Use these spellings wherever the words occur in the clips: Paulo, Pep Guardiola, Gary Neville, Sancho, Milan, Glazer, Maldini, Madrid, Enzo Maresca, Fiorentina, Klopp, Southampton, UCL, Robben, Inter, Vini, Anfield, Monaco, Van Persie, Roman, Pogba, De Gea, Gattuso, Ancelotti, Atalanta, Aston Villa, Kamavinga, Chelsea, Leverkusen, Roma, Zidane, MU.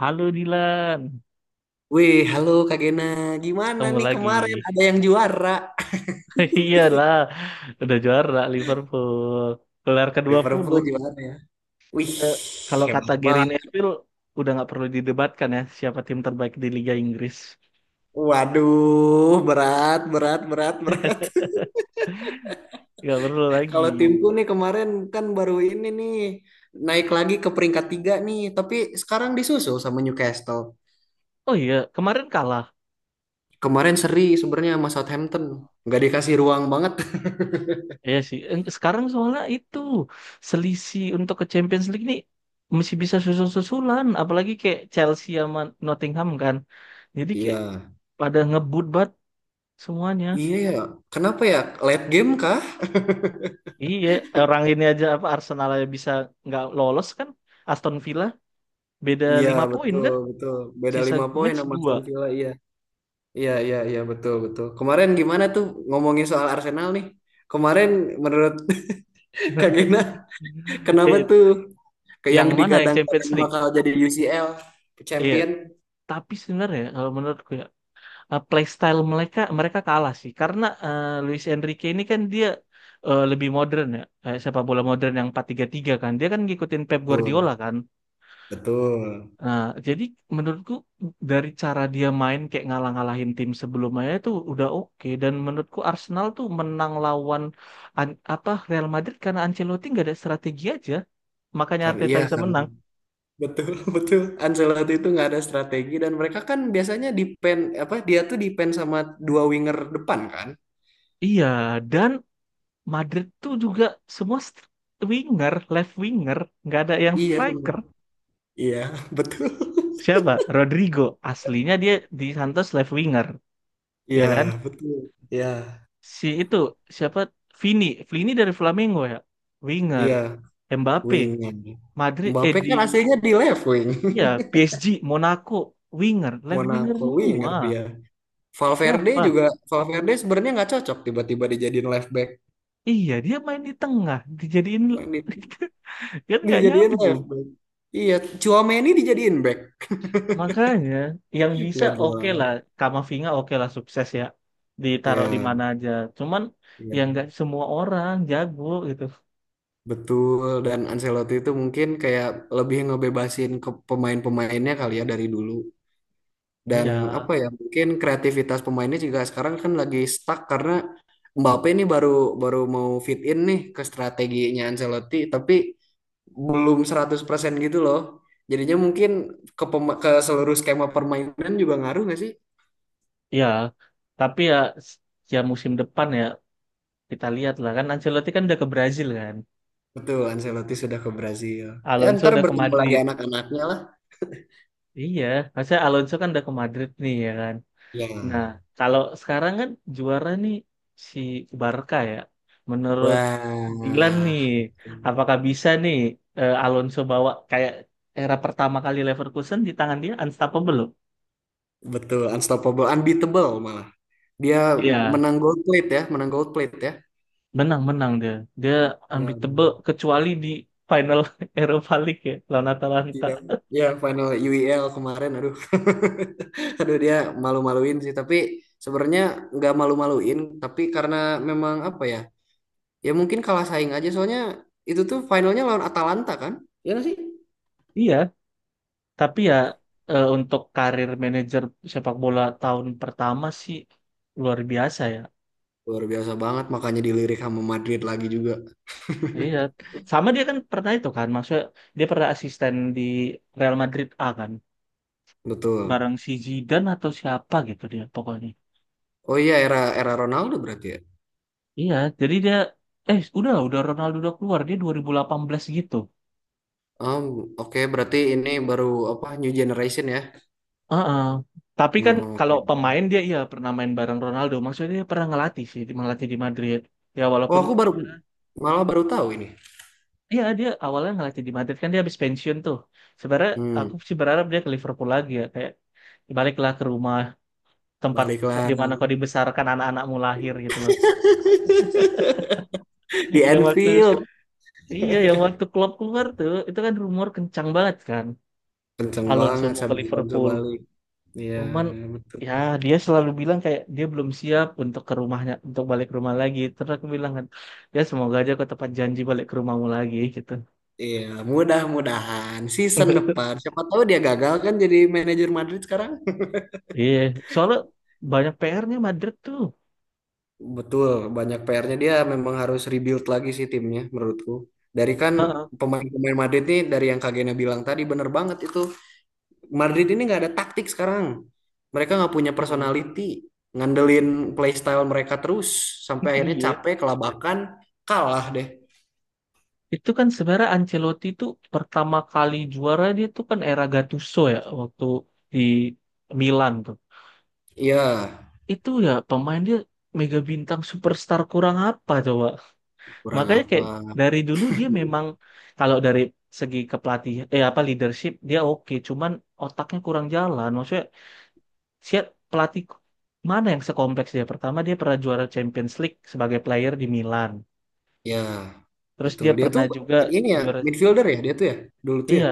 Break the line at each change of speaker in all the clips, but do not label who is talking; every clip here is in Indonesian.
Halo Dilan,
Wih, halo Kak Gena. Gimana
ketemu
nih
lagi.
kemarin ada yang juara?
Iyalah, udah juara Liverpool. Gelar
Liverpool
ke-20.
juara ya. Wih,
Eh, Kalau kata
hebat
Gary
banget.
Neville, udah nggak perlu didebatkan ya siapa tim terbaik di Liga Inggris.
Waduh, berat, berat, berat, berat.
Nggak perlu lagi.
Kalau timku nih kemarin kan baru ini nih naik lagi ke peringkat tiga nih, tapi sekarang disusul sama Newcastle.
Oh iya, kemarin kalah.
Kemarin seri sebenarnya sama Southampton, nggak dikasih ruang banget.
Iya sih. Sekarang soalnya itu selisih untuk ke Champions League nih masih bisa susul-susulan. Apalagi kayak Chelsea sama Nottingham kan. Jadi kayak
Iya,
pada ngebut banget semuanya.
iya ya. Kenapa ya? Late game kah?
Iya, orang ini aja apa Arsenal aja bisa nggak lolos kan? Aston Villa beda
Iya,
5 poin
betul,
kan?
betul. Beda
Sisa
5 poin
match
sama
dua.
Aston Villa, iya. Iya, iya, iya, betul, betul. Kemarin gimana tuh ngomongin soal Arsenal nih? Kemarin menurut Kak Gina, kenapa
Eh,
tuh ke
yang
yang
mana yang Champions
digadang-gadang
League?
bakal jadi UCL
Iya,
champion?
tapi sebenarnya kalau menurutku ya, playstyle mereka mereka kalah sih karena, Luis Enrique ini kan dia, lebih modern ya, sepak bola modern yang 4-3-3 kan. Dia kan ngikutin Pep
Betul,
Guardiola kan.
betul.
Nah, jadi menurutku dari cara dia main kayak ngalah-ngalahin tim sebelumnya itu udah oke, dan menurutku Arsenal tuh menang lawan apa Real Madrid karena Ancelotti nggak ada strategi aja makanya
Karena
Arteta
iya,
bisa
karena
menang.
betul, betul. Ancelotti itu nggak ada strategi dan mereka kan biasanya depend apa dia tuh depend sama dua winger depan kan?
Iya, dan Madrid tuh juga semua winger, left winger, nggak ada yang
Iya, semua.
striker.
Iya, betul.
Siapa? Rodrigo aslinya dia di Santos left winger ya
Iya,
kan?
betul. Iya,
Si itu siapa? Vini, Vini dari Flamengo ya, winger.
iya,
Mbappe.
winger.
Madrid eh
Mbappe
di
kan aslinya di left wing.
iya PSG Monaco winger left winger
Monaco
semua
winger dia. Valverde
siapa
juga Valverde sebenarnya nggak cocok tiba-tiba dijadiin left back.
iya dia main di tengah dijadiin,
Main di,
kan nggak
dijadiin
nyambung,
left back. Iya, Tchouaméni dijadiin back.
makanya yang bisa
Nggak
oke lah
jelas.
Kamavinga oke lah sukses ya ditaruh di
Ya,
mana aja, cuman
iya,
ya nggak semua orang jago gitu.
betul. Dan Ancelotti itu mungkin kayak lebih ngebebasin ke pemain-pemainnya kali ya dari dulu. Dan
Iya.
apa ya, mungkin kreativitas pemainnya juga sekarang kan lagi stuck karena Mbappe ini baru baru mau fit in nih ke strateginya Ancelotti, tapi belum 100% gitu loh. Jadinya mungkin ke seluruh skema permainan juga ngaruh nggak sih?
Iya, tapi ya, s- ya musim depan ya kita lihat lah, kan Ancelotti kan udah ke Brazil kan.
Betul, Ancelotti sudah ke Brazil. Ya
Alonso
ntar
udah ke
bertemu lagi
Madrid.
anak-anaknya lah.
Iya, maksudnya Alonso kan udah ke Madrid nih ya kan. Nah,
Ya.
kalau sekarang kan juara nih si Barca ya. Menurut Dilan
Wah.
nih, apakah bisa nih, Alonso bawa kayak era pertama kali Leverkusen? Di tangan dia unstoppable loh.
Betul, unstoppable, unbeatable malah. Dia
Iya,
menang gold plate ya, menang gold plate ya.
menang-menang dia. Dia
Ya,
unbeatable kecuali di final Europa League ya lawan
ya,
Atalanta.
iya, ya, final UEL kemarin, aduh, aduh dia malu-maluin sih. Tapi sebenarnya nggak malu-maluin, tapi karena memang apa ya, ya mungkin kalah saing aja soalnya itu tuh finalnya lawan Atalanta kan? Ya nggak sih?
Iya, tapi ya, untuk karir manajer sepak bola tahun pertama sih luar biasa ya.
Luar biasa banget makanya dilirik sama Madrid lagi juga.
Iya, sama dia kan pernah itu kan, maksudnya dia pernah asisten di Real Madrid A kan,
Betul.
bareng si Zidane atau siapa gitu dia pokoknya.
Oh iya, era era Ronaldo berarti ya.
Iya, jadi dia udah Ronaldo udah keluar dia 2018 gitu.
Um, oke berarti ini baru apa new generation ya.
Heeh. Tapi kan
Hmm,
kalau
oke.
pemain dia iya pernah main bareng Ronaldo, maksudnya dia pernah ngelatih sih, ngelatih di Madrid. Ya
Oh
walaupun
aku baru malah baru tahu ini.
iya dia awalnya ngelatih di Madrid kan dia habis pensiun tuh. Sebenarnya aku
Hmm,
sih berharap dia ke Liverpool lagi ya, kayak baliklah ke rumah, tempat
baliklah
di mana kau dibesarkan, anak-anakmu lahir, gitu loh.
di
Yang waktu
Anfield.
iya, yang waktu Klopp keluar tuh itu kan rumor kencang banget kan.
Kenceng
Alonso
banget
mau ke
sambil Alonso
Liverpool.
balik. Iya,
Cuman
betul.
ya dia selalu bilang kayak dia belum siap untuk ke rumahnya, untuk balik ke rumah lagi. Terus aku bilang kan, ya semoga aja kau tepat janji balik ke rumahmu lagi gitu.
Iya, mudah-mudahan season depan siapa tahu dia gagal kan jadi manajer Madrid sekarang.
Iya, soalnya banyak PR-nya Madrid tuh.
Betul, banyak PR-nya dia memang harus rebuild lagi sih timnya menurutku. Dari kan
Heeh.
pemain-pemain Madrid nih dari yang Kak Gena bilang tadi bener banget itu. Madrid ini nggak ada taktik sekarang. Mereka nggak punya
Iya.
personality, ngandelin playstyle mereka terus sampai akhirnya
Iya.
capek, kelabakan, kalah deh.
Itu kan sebenarnya Ancelotti itu pertama kali juara dia tuh kan era Gattuso ya waktu di Milan tuh.
Iya,
Itu ya pemain dia mega bintang superstar kurang apa coba.
kurang
Makanya
apa?
kayak dari dulu dia memang kalau dari segi kepelatihan, apa leadership dia oke, cuman otaknya kurang jalan. Maksudnya siap pelatih mana yang sekompleks dia? Pertama dia pernah juara Champions League sebagai player di Milan.
Ya,
Terus
betul.
dia
Dia
pernah
tuh
juga
ini ya
juara.
midfielder ya dia tuh ya dulu tuh ya.
Iya,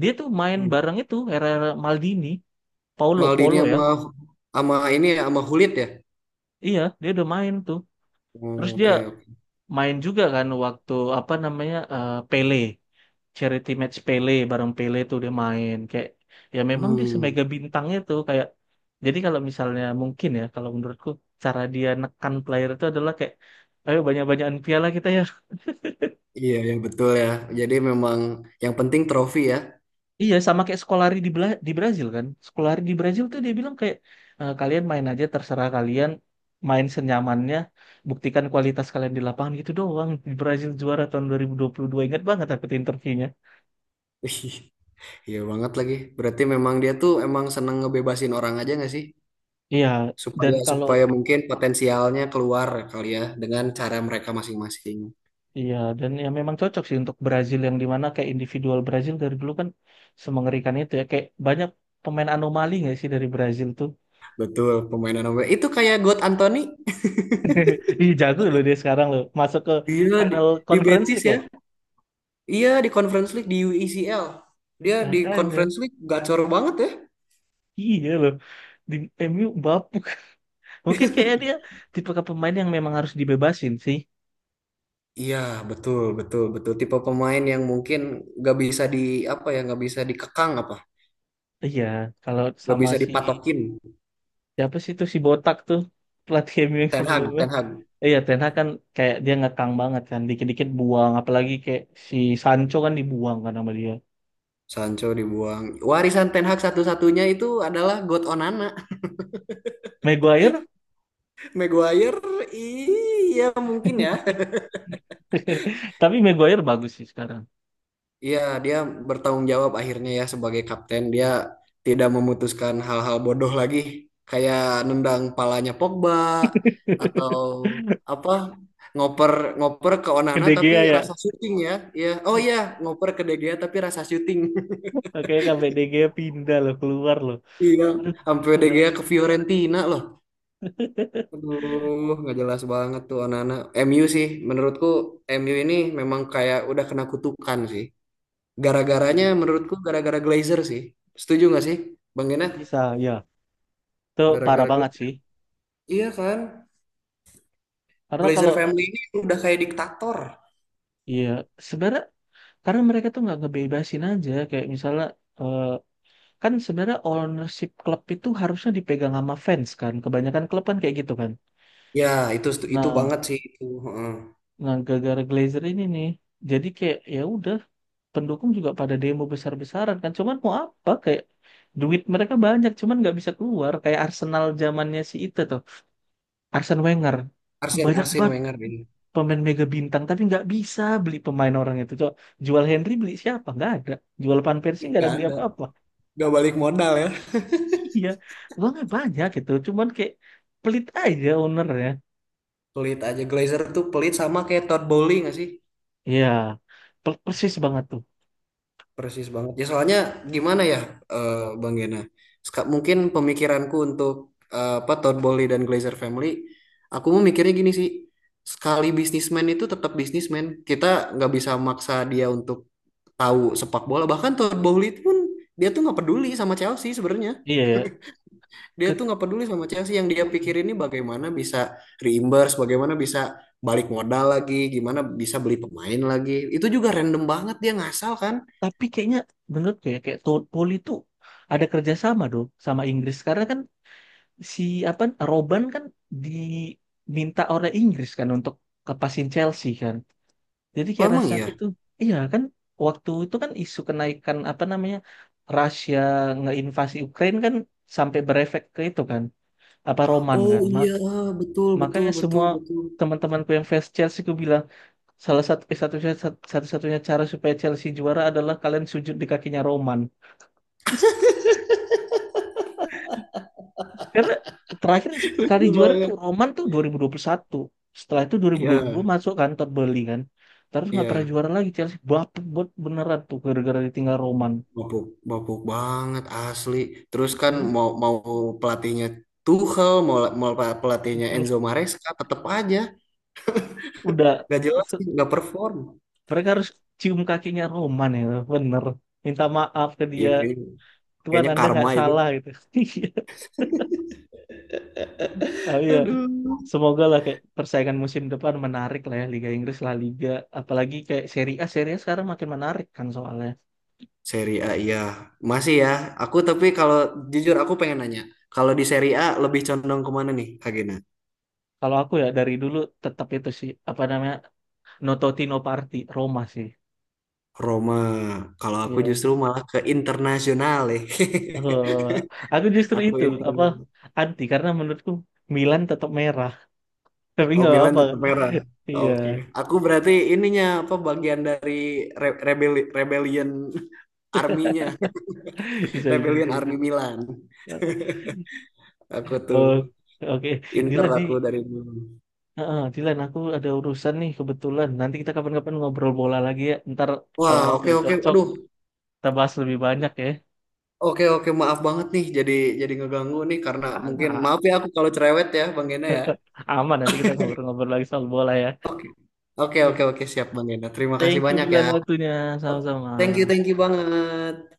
dia tuh main
Hmm.
bareng itu era-era Maldini, Paulo,
Maldini
Paulo ya.
sama sama ini ya sama Hulit ya.
Iya, dia udah main tuh. Terus
Hmm,
dia
oke, oke.
main juga kan waktu apa namanya, Pele, charity match Pele, bareng Pele tuh dia main, kayak ya memang dia
Hmm.
semega bintangnya tuh, kayak jadi kalau misalnya mungkin ya kalau menurutku cara dia nekan player itu adalah kayak ayo banyak-banyakan piala kita ya.
Iya, ya betul ya. Jadi memang yang penting trofi ya.
Iya, sama kayak Scolari di, di Brazil kan. Scolari di Brazil tuh dia bilang kayak, "Eh, kalian main aja terserah kalian, main senyamannya, buktikan kualitas kalian di lapangan gitu doang." Di Brazil juara tahun 2022, ingat banget aku tuh interviewnya.
Ih, iya banget lagi. Berarti memang dia tuh emang seneng ngebebasin orang aja nggak sih?
Iya, dan
Supaya
kalau
supaya mungkin potensialnya keluar kali ya dengan cara mereka masing-masing.
iya dan ya memang cocok sih untuk Brazil yang dimana kayak individual Brazil dari dulu kan semengerikan itu ya, kayak banyak pemain anomali nggak sih dari Brazil tuh.
Betul, pemain nomor itu kayak God Anthony.
Ih jago loh dia sekarang loh, masuk ke
Gila di,
final
di
Conference
Betis
League ya.
ya. Iya di Conference League di U E C L. Dia
Nah,
di
kayaknya
Conference League gacor banget ya.
iya loh. Di MU bapuk. Mungkin kayaknya dia tipe ke pemain yang memang harus dibebasin sih.
Iya, betul, betul, betul. Tipe pemain yang mungkin gak bisa di apa ya, gak bisa dikekang apa,
Iya, kalau
gak
sama
bisa
si
dipatokin.
siapa sih itu si botak tuh pelatih MU yang
Ten Hag,
sebelumnya.
Ten Hag.
Iya, Ten Hag kan kayak dia ngekang banget kan, dikit-dikit buang, apalagi kayak si Sancho kan dibuang kan sama dia.
Sancho dibuang. Warisan Ten Hag satu-satunya itu adalah God Onana.
Maguire,
Maguire, iya mungkin ya.
tapi Maguire bagus sih sekarang.
Iya, dia bertanggung jawab akhirnya ya sebagai kapten. Dia tidak memutuskan hal-hal bodoh lagi. Kayak nendang palanya Pogba, atau apa, ngoper ngoper ke
Ke
Onana
De
tapi
Gea
rasa
ya,
syuting ya. Iya. Oh iya, ngoper ke De Gea tapi rasa syuting.
oke sampai De Gea pindah loh, keluar loh.
Iya,
Aduh,
sampai
kacau
De
banget.
Gea ke Fiorentina loh. Aduh, nggak jelas banget tuh anak-anak. MU sih, menurutku MU ini memang kayak udah kena kutukan sih. Gara-garanya
Iya.
menurutku gara-gara Glazer sih. Setuju nggak sih, Bang Gena?
Bisa, ya. Itu parah
Gara-gara
banget
Glazer.
sih.
Iya kan?
Karena
Glazer
kalau
family ini udah kayak diktator.
iya, sebenarnya karena mereka tuh nggak ngebebasin aja kayak misalnya, eh, kan sebenarnya ownership klub itu harusnya dipegang sama fans kan, kebanyakan klub kan kayak gitu kan.
Ya, itu itu
Nah,
banget sih itu. Heeh.
nah gara-gara Glazer ini nih, jadi kayak ya udah pendukung juga pada demo besar-besaran kan, cuman mau apa kayak duit mereka banyak cuman nggak bisa keluar kayak Arsenal zamannya si itu tuh, Arsene Wenger,
Arsene
banyak
Arsene
banget
Wenger ini.
pemain mega bintang tapi nggak bisa beli pemain orang itu. Coba, jual Henry beli siapa, nggak ada. Jual Van Persie nggak
Nggak
ada beli
ada.
apa-apa.
Nggak balik modal ya.
Iya, uangnya banyak gitu cuman kayak pelit aja ownernya.
Pelit aja. Glazer tuh pelit sama kayak Todd Bowley nggak sih?
Iya, persis banget tuh.
Persis banget. Ya soalnya gimana ya, Bang Gena? Mungkin pemikiranku untuk, apa, Todd Bowley dan Glazer Family, aku mau mikirnya gini sih. Sekali bisnismen itu tetap bisnismen. Kita nggak bisa maksa dia untuk tahu sepak bola. Bahkan Todd Bowley pun dia tuh nggak peduli sama Chelsea sebenarnya.
Iya ya.
Dia
Ke-
tuh nggak peduli sama Chelsea. Yang dia
Mm.
pikirin ini bagaimana bisa reimburse, bagaimana bisa balik modal lagi, gimana bisa beli pemain lagi. Itu juga random banget dia ngasal kan.
Tapi kayaknya menurut gue ya, kayak Todd Poli tuh ada kerjasama dong sama Inggris, karena kan si apa Robben kan diminta oleh Inggris kan untuk kepasin Chelsea kan. Jadi
Oh
kayak
emang
rasa aku
ya.
tuh, iya kan waktu itu kan isu kenaikan apa namanya Rusia ngeinvasi Ukraina kan sampai berefek ke itu kan, apa Roman
Oh
kan.
iya, betul, betul,
Makanya
betul,
semua
betul.
teman-temanku yang fans Chelsea aku bilang salah satu, satu satu-satunya cara supaya Chelsea juara adalah kalian sujud di kakinya Roman. Karena terakhir kali
Lucu
juara tuh
banget.
Roman tuh 2021. Setelah itu 2022
Iya,
masuk kan Todd Bowley kan. Terus nggak pernah
iya,
juara lagi Chelsea. Bapet buat beneran tuh gara-gara ditinggal Roman.
mabuk, mabuk banget asli. Terus kan mau mau pelatihnya Tuchel, mau mau pelatihnya Enzo Maresca, tetep aja
Udah
nggak jelas,
se-
nggak perform.
mereka harus cium kakinya Roman ya, bener, minta maaf ke
Iya
dia,
kayaknya
Tuhan
kayaknya
Anda nggak
karma itu.
salah gitu. Oh, iya,
Aduh.
semoga lah kayak persaingan musim depan menarik lah ya, Liga Inggris, La Liga, apalagi kayak Serie A. Serie A sekarang makin menarik kan, soalnya
Seri A iya. Masih ya. Aku tapi kalau jujur aku pengen nanya, kalau di Seri A lebih condong kemana nih, Kak Gena?
kalau aku ya dari dulu tetap itu sih apa namanya no Totti no Party Roma sih.
Roma. Kalau aku
Iya.
justru malah ke internasional ya.
Eh, aku justru
Aku
itu
inter.
apa anti karena menurutku Milan tetap merah. Tapi
Oh,
nggak
Milan
apa-apa.
tetap merah.
Iya,
Oke. Aku berarti ininya apa bagian dari rebellion arminya,
bisa bisa
rebellion
bisa
army Milan. Aku tuh
Oh, oke.
Inter
Dilan nih,
aku dari dulu.
heeh, Dilan aku ada urusan nih kebetulan. Nanti kita kapan-kapan ngobrol bola lagi ya. Ntar kalau
Wah, oke
waktunya
oke.
cocok,
Aduh.
kita bahas lebih banyak ya.
Oke oke maaf banget nih jadi ngeganggu nih karena mungkin
Anak.
maaf ya aku kalau cerewet ya Bang Gena ya.
Aman, nanti kita ngobrol-ngobrol lagi soal bola ya.
Oke. Oke
Yuk,
oke oke siap Bang Gena. Terima kasih
thank you
banyak ya.
Dilan waktunya. Sama-sama.
Thank you banget.